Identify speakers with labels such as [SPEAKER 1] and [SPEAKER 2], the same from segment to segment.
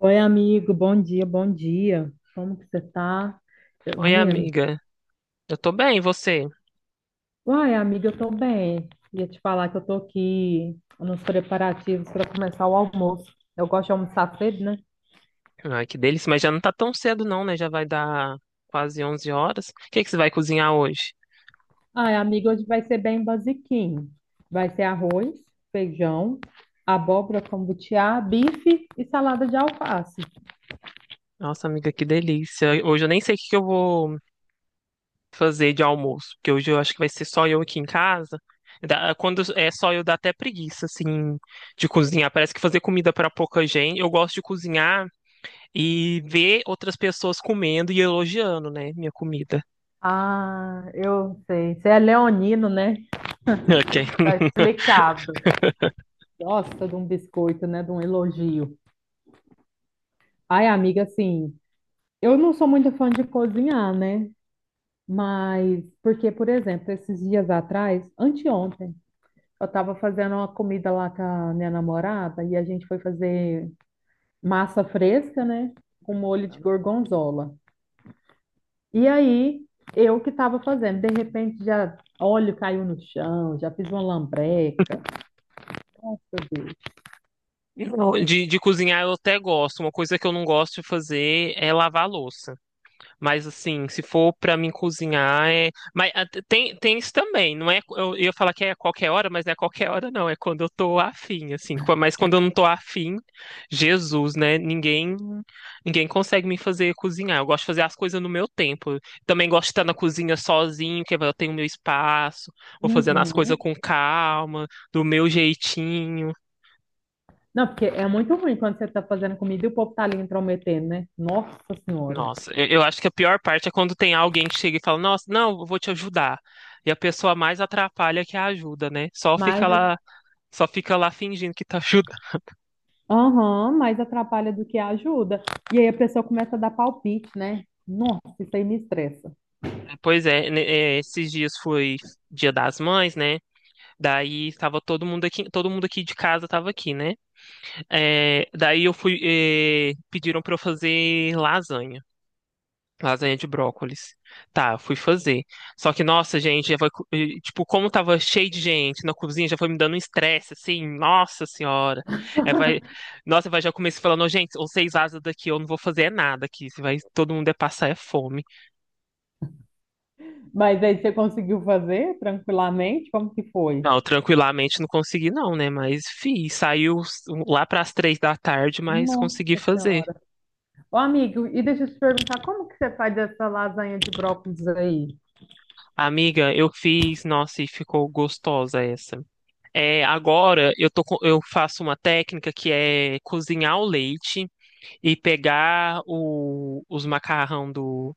[SPEAKER 1] Oi, amigo, bom dia, bom dia. Como que você tá?
[SPEAKER 2] Oi,
[SPEAKER 1] Menino,
[SPEAKER 2] amiga. Eu tô bem, e você?
[SPEAKER 1] uai, amiga, eu tô bem. Ia te falar que eu tô aqui nos preparativos para começar o almoço. Eu gosto de almoçar cedo, né?
[SPEAKER 2] Ai, que delícia, mas já não tá tão cedo não, né? Já vai dar quase 11 horas. O que que você vai cozinhar hoje?
[SPEAKER 1] Ai, amiga, hoje vai ser bem basiquinho. Vai ser arroz, feijão, abóbora com butiá, bife e salada de alface.
[SPEAKER 2] Nossa, amiga, que delícia. Hoje eu nem sei o que que eu vou fazer de almoço, porque hoje eu acho que vai ser só eu aqui em casa. Quando é só eu, dá até preguiça, assim, de cozinhar. Parece que fazer comida pra pouca gente. Eu gosto de cozinhar e ver outras pessoas comendo e elogiando, né, minha comida.
[SPEAKER 1] Ah, eu sei. Você é leonino, né?
[SPEAKER 2] Ok.
[SPEAKER 1] Explicado. Gosta de um biscoito, né? De um elogio. Ai, amiga, assim. Eu não sou muito fã de cozinhar, né? Mas, porque, por exemplo, esses dias atrás, anteontem, eu estava fazendo uma comida lá com a minha namorada e a gente foi fazer massa fresca, né? Com molho de gorgonzola. E aí, eu que estava fazendo, de repente já óleo caiu no chão, já fiz uma lambreca. Nossa, meu Deus.
[SPEAKER 2] Não, de cozinhar eu até gosto. Uma coisa que eu não gosto de fazer é lavar a louça. Mas assim, se for pra mim cozinhar, é. Mas tem isso também. Não é, eu ia falar que é a qualquer hora, mas não é a qualquer hora, não. É quando eu tô afim, assim. Mas quando eu não tô afim, Jesus, né? Ninguém consegue me fazer cozinhar. Eu gosto de fazer as coisas no meu tempo. Também gosto de estar na cozinha sozinho, que eu tenho meu espaço, vou fazendo as coisas
[SPEAKER 1] Uhum.
[SPEAKER 2] com calma, do meu jeitinho.
[SPEAKER 1] Não, porque é muito ruim quando você está fazendo comida e o povo tá ali intrometendo, né? Nossa Senhora.
[SPEAKER 2] Nossa, eu acho que a pior parte é quando tem alguém que chega e fala: nossa, não, eu vou te ajudar. E a pessoa mais atrapalha que a ajuda, né?
[SPEAKER 1] Mas
[SPEAKER 2] Só fica lá fingindo que tá ajudando.
[SPEAKER 1] aham, mais atrapalha do que ajuda. E aí a pessoa começa a dar palpite, né? Nossa, isso aí me estressa.
[SPEAKER 2] Pois é, né, é, esses dias foi Dia das Mães, né? Daí estava todo mundo aqui de casa tava aqui, né? É, daí eu fui, é, pediram para eu fazer lasanha. Lasanha de brócolis. Tá, eu fui fazer. Só que, nossa, gente, já foi, e, tipo, como tava cheio de gente na cozinha, já foi me dando um estresse, assim, nossa senhora. É, vai, nossa, vai, já comecei falando: "Ô, gente, vocês vazam daqui, eu não vou fazer é nada aqui, se vai, todo mundo é passar é fome."
[SPEAKER 1] Mas aí você conseguiu fazer tranquilamente? Como que foi?
[SPEAKER 2] Não, eu tranquilamente não consegui não, né, mas, lá pras três da tarde, mas
[SPEAKER 1] Nossa
[SPEAKER 2] consegui fazer.
[SPEAKER 1] Senhora. Ô, amigo, e deixa eu te perguntar, como que você faz essa lasanha de brócolis aí?
[SPEAKER 2] Amiga, eu fiz, nossa, e ficou gostosa essa. É, agora eu tô, eu faço uma técnica que é cozinhar o leite e pegar os macarrão do,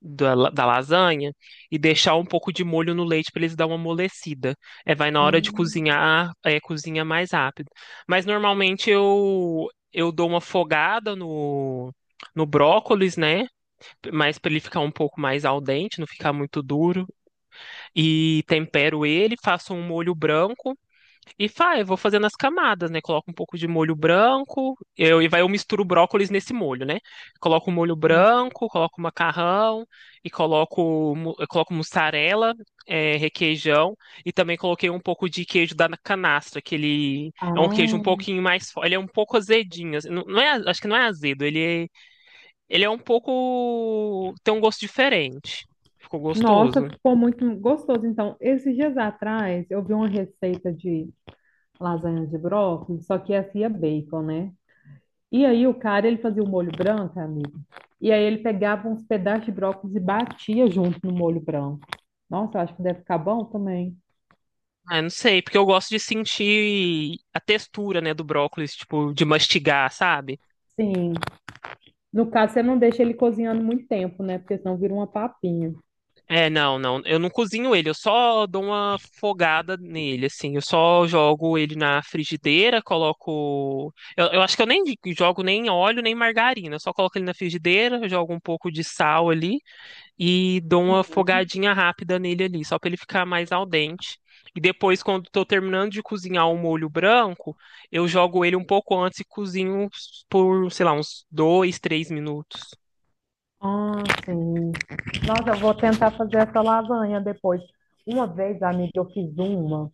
[SPEAKER 2] da, la- da lasanha e deixar um pouco de molho no leite para eles dar uma amolecida. É, vai na hora de
[SPEAKER 1] Hum.
[SPEAKER 2] cozinhar, é, cozinha mais rápido. Mas normalmente eu dou uma fogada no brócolis, né? Mas para ele ficar um pouco mais al dente, não ficar muito duro. E tempero ele, faço um molho branco e faz, eu vou fazendo as camadas, né? Coloco um pouco de molho branco, eu, e vai eu misturo o brócolis nesse molho, né? Coloco o molho branco, coloco o macarrão, e coloco, mu- eu coloco mussarela, é, requeijão, e também coloquei um pouco de queijo da canastra, que ele é um queijo um
[SPEAKER 1] Ah,
[SPEAKER 2] pouquinho mais, ele é um pouco azedinho, assim, não, não é, acho que não é azedo, ele é um pouco, tem um gosto diferente. Ficou
[SPEAKER 1] nossa,
[SPEAKER 2] gostoso.
[SPEAKER 1] ficou muito gostoso. Então, esses dias atrás, eu vi uma receita de lasanha de brócolis, só que essa ia bacon, né? E aí, o cara, ele fazia o molho branco, amigo. E aí, ele pegava uns pedaços de brócolis e batia junto no molho branco. Nossa, eu acho que deve ficar bom também.
[SPEAKER 2] Ah, eu não sei, porque eu gosto de sentir a textura, né, do brócolis, tipo, de mastigar, sabe?
[SPEAKER 1] Sim. No caso, você não deixa ele cozinhando muito tempo, né? Porque senão vira uma papinha.
[SPEAKER 2] É, não, não, eu não cozinho ele, eu só dou uma fogada nele, assim, eu só jogo ele na frigideira, coloco. Eu acho que eu nem jogo nem óleo, nem margarina, eu só coloco ele na frigideira, jogo um pouco de sal ali. E dou uma fogadinha rápida nele ali, só para ele ficar mais al dente. E depois, quando estou terminando de cozinhar o molho branco, eu jogo ele um pouco antes e cozinho por, sei lá, uns dois, três minutos.
[SPEAKER 1] Ah, sim. Nossa, eu vou tentar fazer essa lasanha depois. Uma vez, amiga, eu fiz uma.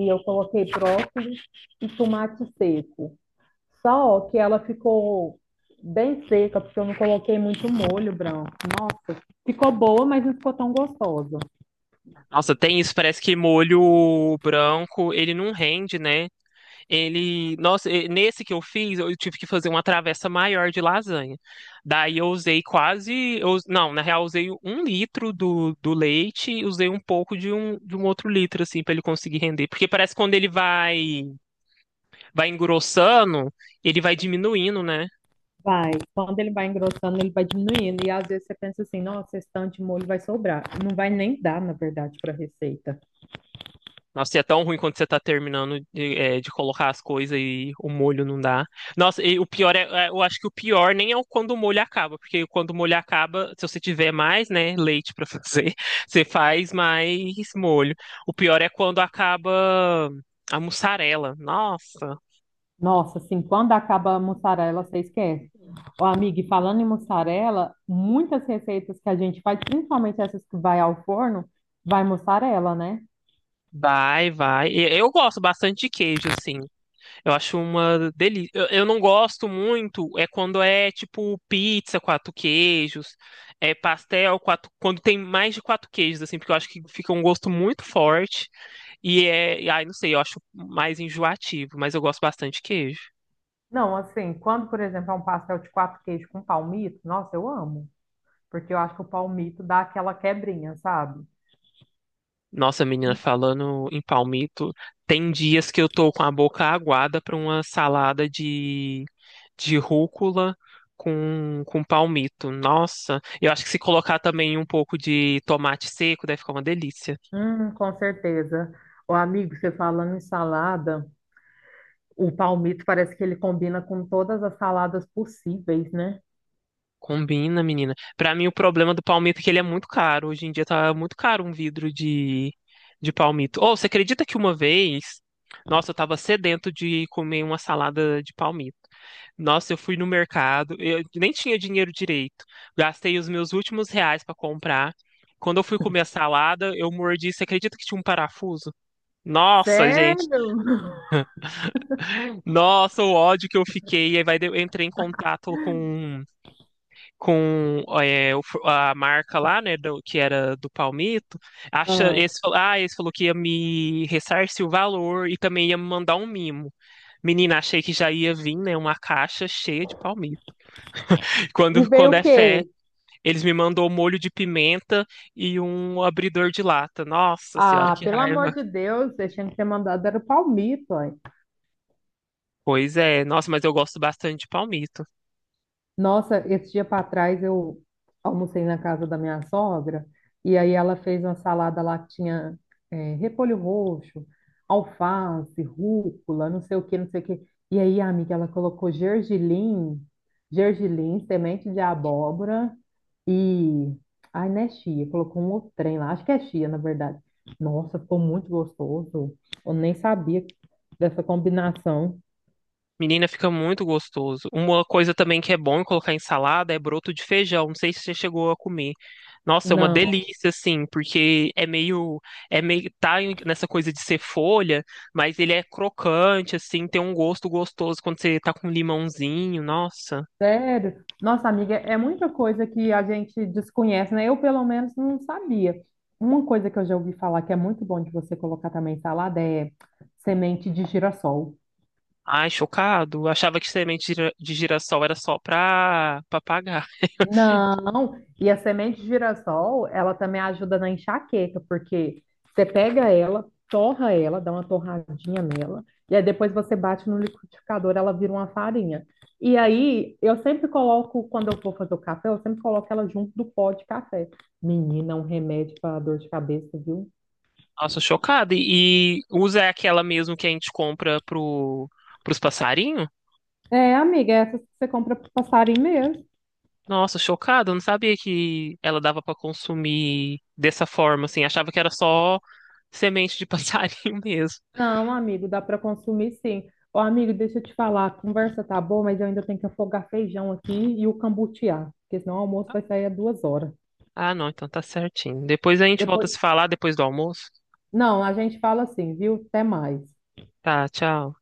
[SPEAKER 1] E eu coloquei brócolis e tomate seco. Só que ela ficou bem seca, porque eu não coloquei muito molho branco. Nossa, ficou boa, mas não ficou tão gostosa.
[SPEAKER 2] Nossa, tem isso, parece que molho branco, ele não rende, né? Ele, nossa, nesse que eu fiz, eu tive que fazer uma travessa maior de lasanha. Daí eu usei quase, não, na real, eu usei um litro do leite e usei um pouco de um outro litro, assim, para ele conseguir render. Porque parece que quando ele vai engrossando, ele vai diminuindo, né?
[SPEAKER 1] Vai, quando ele vai engrossando, ele vai diminuindo. E às vezes você pensa assim, nossa, esse tanto de molho vai sobrar. Não vai nem dar, na verdade, para a receita.
[SPEAKER 2] Nossa, e é tão ruim quando você tá terminando de colocar as coisas e o molho não dá. Nossa, e o pior é, eu acho que o pior nem é o quando o molho acaba, porque quando o molho acaba, se você tiver mais, né, leite pra fazer, você faz mais molho. O pior é quando acaba a mussarela. Nossa,
[SPEAKER 1] Nossa, assim, quando acaba a mussarela, você esquece. Ó, amiga, e falando em mussarela, muitas receitas que a gente faz, principalmente essas que vai ao forno, vai mussarela, né?
[SPEAKER 2] vai, vai. E eu gosto bastante de queijo, assim. Eu acho uma delícia. Eu não gosto muito é quando é tipo pizza, quatro queijos, é pastel, quatro, quando tem mais de quatro queijos, assim, porque eu acho que fica um gosto muito forte e ai, não sei, eu acho mais enjoativo, mas eu gosto bastante de queijo.
[SPEAKER 1] Não, assim, quando, por exemplo, é um pastel de quatro queijos com palmito, nossa, eu amo. Porque eu acho que o palmito dá aquela quebrinha, sabe?
[SPEAKER 2] Nossa, menina, falando em palmito, tem dias que eu tô com a boca aguada pra uma salada de rúcula com palmito. Nossa, eu acho que se colocar também um pouco de tomate seco, deve ficar uma delícia.
[SPEAKER 1] Com certeza. O amigo, você falando em salada, o palmito parece que ele combina com todas as saladas possíveis, né?
[SPEAKER 2] Combina, menina. Pra mim, o problema do palmito é que ele é muito caro. Hoje em dia tá muito caro um vidro de palmito. Ou você acredita que uma vez, nossa, eu tava sedento de comer uma salada de palmito. Nossa, eu fui no mercado, eu nem tinha dinheiro direito. Gastei os meus últimos reais pra comprar. Quando eu fui comer a salada, eu mordi. Você acredita que tinha um parafuso? Nossa, gente.
[SPEAKER 1] Sério?
[SPEAKER 2] Nossa, o ódio que eu fiquei. Aí vai, eu entrei em contato com a marca lá, né, que era do Palmito, acha,
[SPEAKER 1] Ah.
[SPEAKER 2] esse, esse falou que ia me ressarcir o valor e também ia me mandar um mimo. Menina, achei que já ia vir, né, uma caixa cheia de palmito.
[SPEAKER 1] E
[SPEAKER 2] Quando,
[SPEAKER 1] veio
[SPEAKER 2] quando
[SPEAKER 1] o
[SPEAKER 2] é fé,
[SPEAKER 1] quê?
[SPEAKER 2] eles me mandou um molho de pimenta e um abridor de lata. Nossa senhora,
[SPEAKER 1] Ah,
[SPEAKER 2] que
[SPEAKER 1] pelo
[SPEAKER 2] raiva.
[SPEAKER 1] amor de Deus, eu tinha que ter mandado era o palmito, ó.
[SPEAKER 2] Pois é, nossa, mas eu gosto bastante de palmito.
[SPEAKER 1] Nossa, esse dia para trás eu almocei na casa da minha sogra e aí ela fez uma salada lá que tinha é, repolho roxo, alface, rúcula, não sei o que, não sei o que. E aí, amiga, ela colocou gergelim, gergelim, semente de abóbora e... Ai, não é chia, colocou um outro trem lá, acho que é chia, na verdade. Nossa, ficou muito gostoso. Eu nem sabia dessa combinação.
[SPEAKER 2] Menina, fica muito gostoso. Uma coisa também que é bom colocar em salada é broto de feijão. Não sei se você chegou a comer. Nossa, é uma
[SPEAKER 1] Não.
[SPEAKER 2] delícia, assim, porque é meio, nessa coisa de ser folha, mas ele é crocante, assim, tem um gosto gostoso quando você tá com limãozinho. Nossa,
[SPEAKER 1] Sério? Nossa, amiga, é muita coisa que a gente desconhece, né? Eu, pelo menos, não sabia. Uma coisa que eu já ouvi falar que é muito bom de você colocar também em salada é semente de girassol.
[SPEAKER 2] ai, chocado. Achava que semente de de girassol era só pra pagar.
[SPEAKER 1] Não, e a semente de girassol, ela também ajuda na enxaqueca, porque você pega ela, torra ela, dá uma torradinha nela, e aí depois você bate no liquidificador, ela vira uma farinha. E aí, eu sempre coloco, quando eu vou fazer o café, eu sempre coloco ela junto do pó de café. Menina, é um remédio para dor de cabeça, viu?
[SPEAKER 2] Nossa, chocado. E usa aquela mesmo que a gente compra pros passarinhos?
[SPEAKER 1] É, amiga, essas que você compra pro passarinho mesmo.
[SPEAKER 2] Nossa, chocada, eu não sabia que ela dava pra consumir dessa forma, assim, achava que era só semente de passarinho mesmo.
[SPEAKER 1] Não, amigo, dá para consumir sim. Ô, amigo, deixa eu te falar, a conversa tá boa, mas eu ainda tenho que afogar feijão aqui e o cambutear, porque senão o almoço vai sair a 2 horas.
[SPEAKER 2] Ah, não, então tá certinho. Depois a gente volta a
[SPEAKER 1] Depois,
[SPEAKER 2] se falar depois do almoço.
[SPEAKER 1] não, a gente fala assim, viu? Até mais.
[SPEAKER 2] Tá, tchau.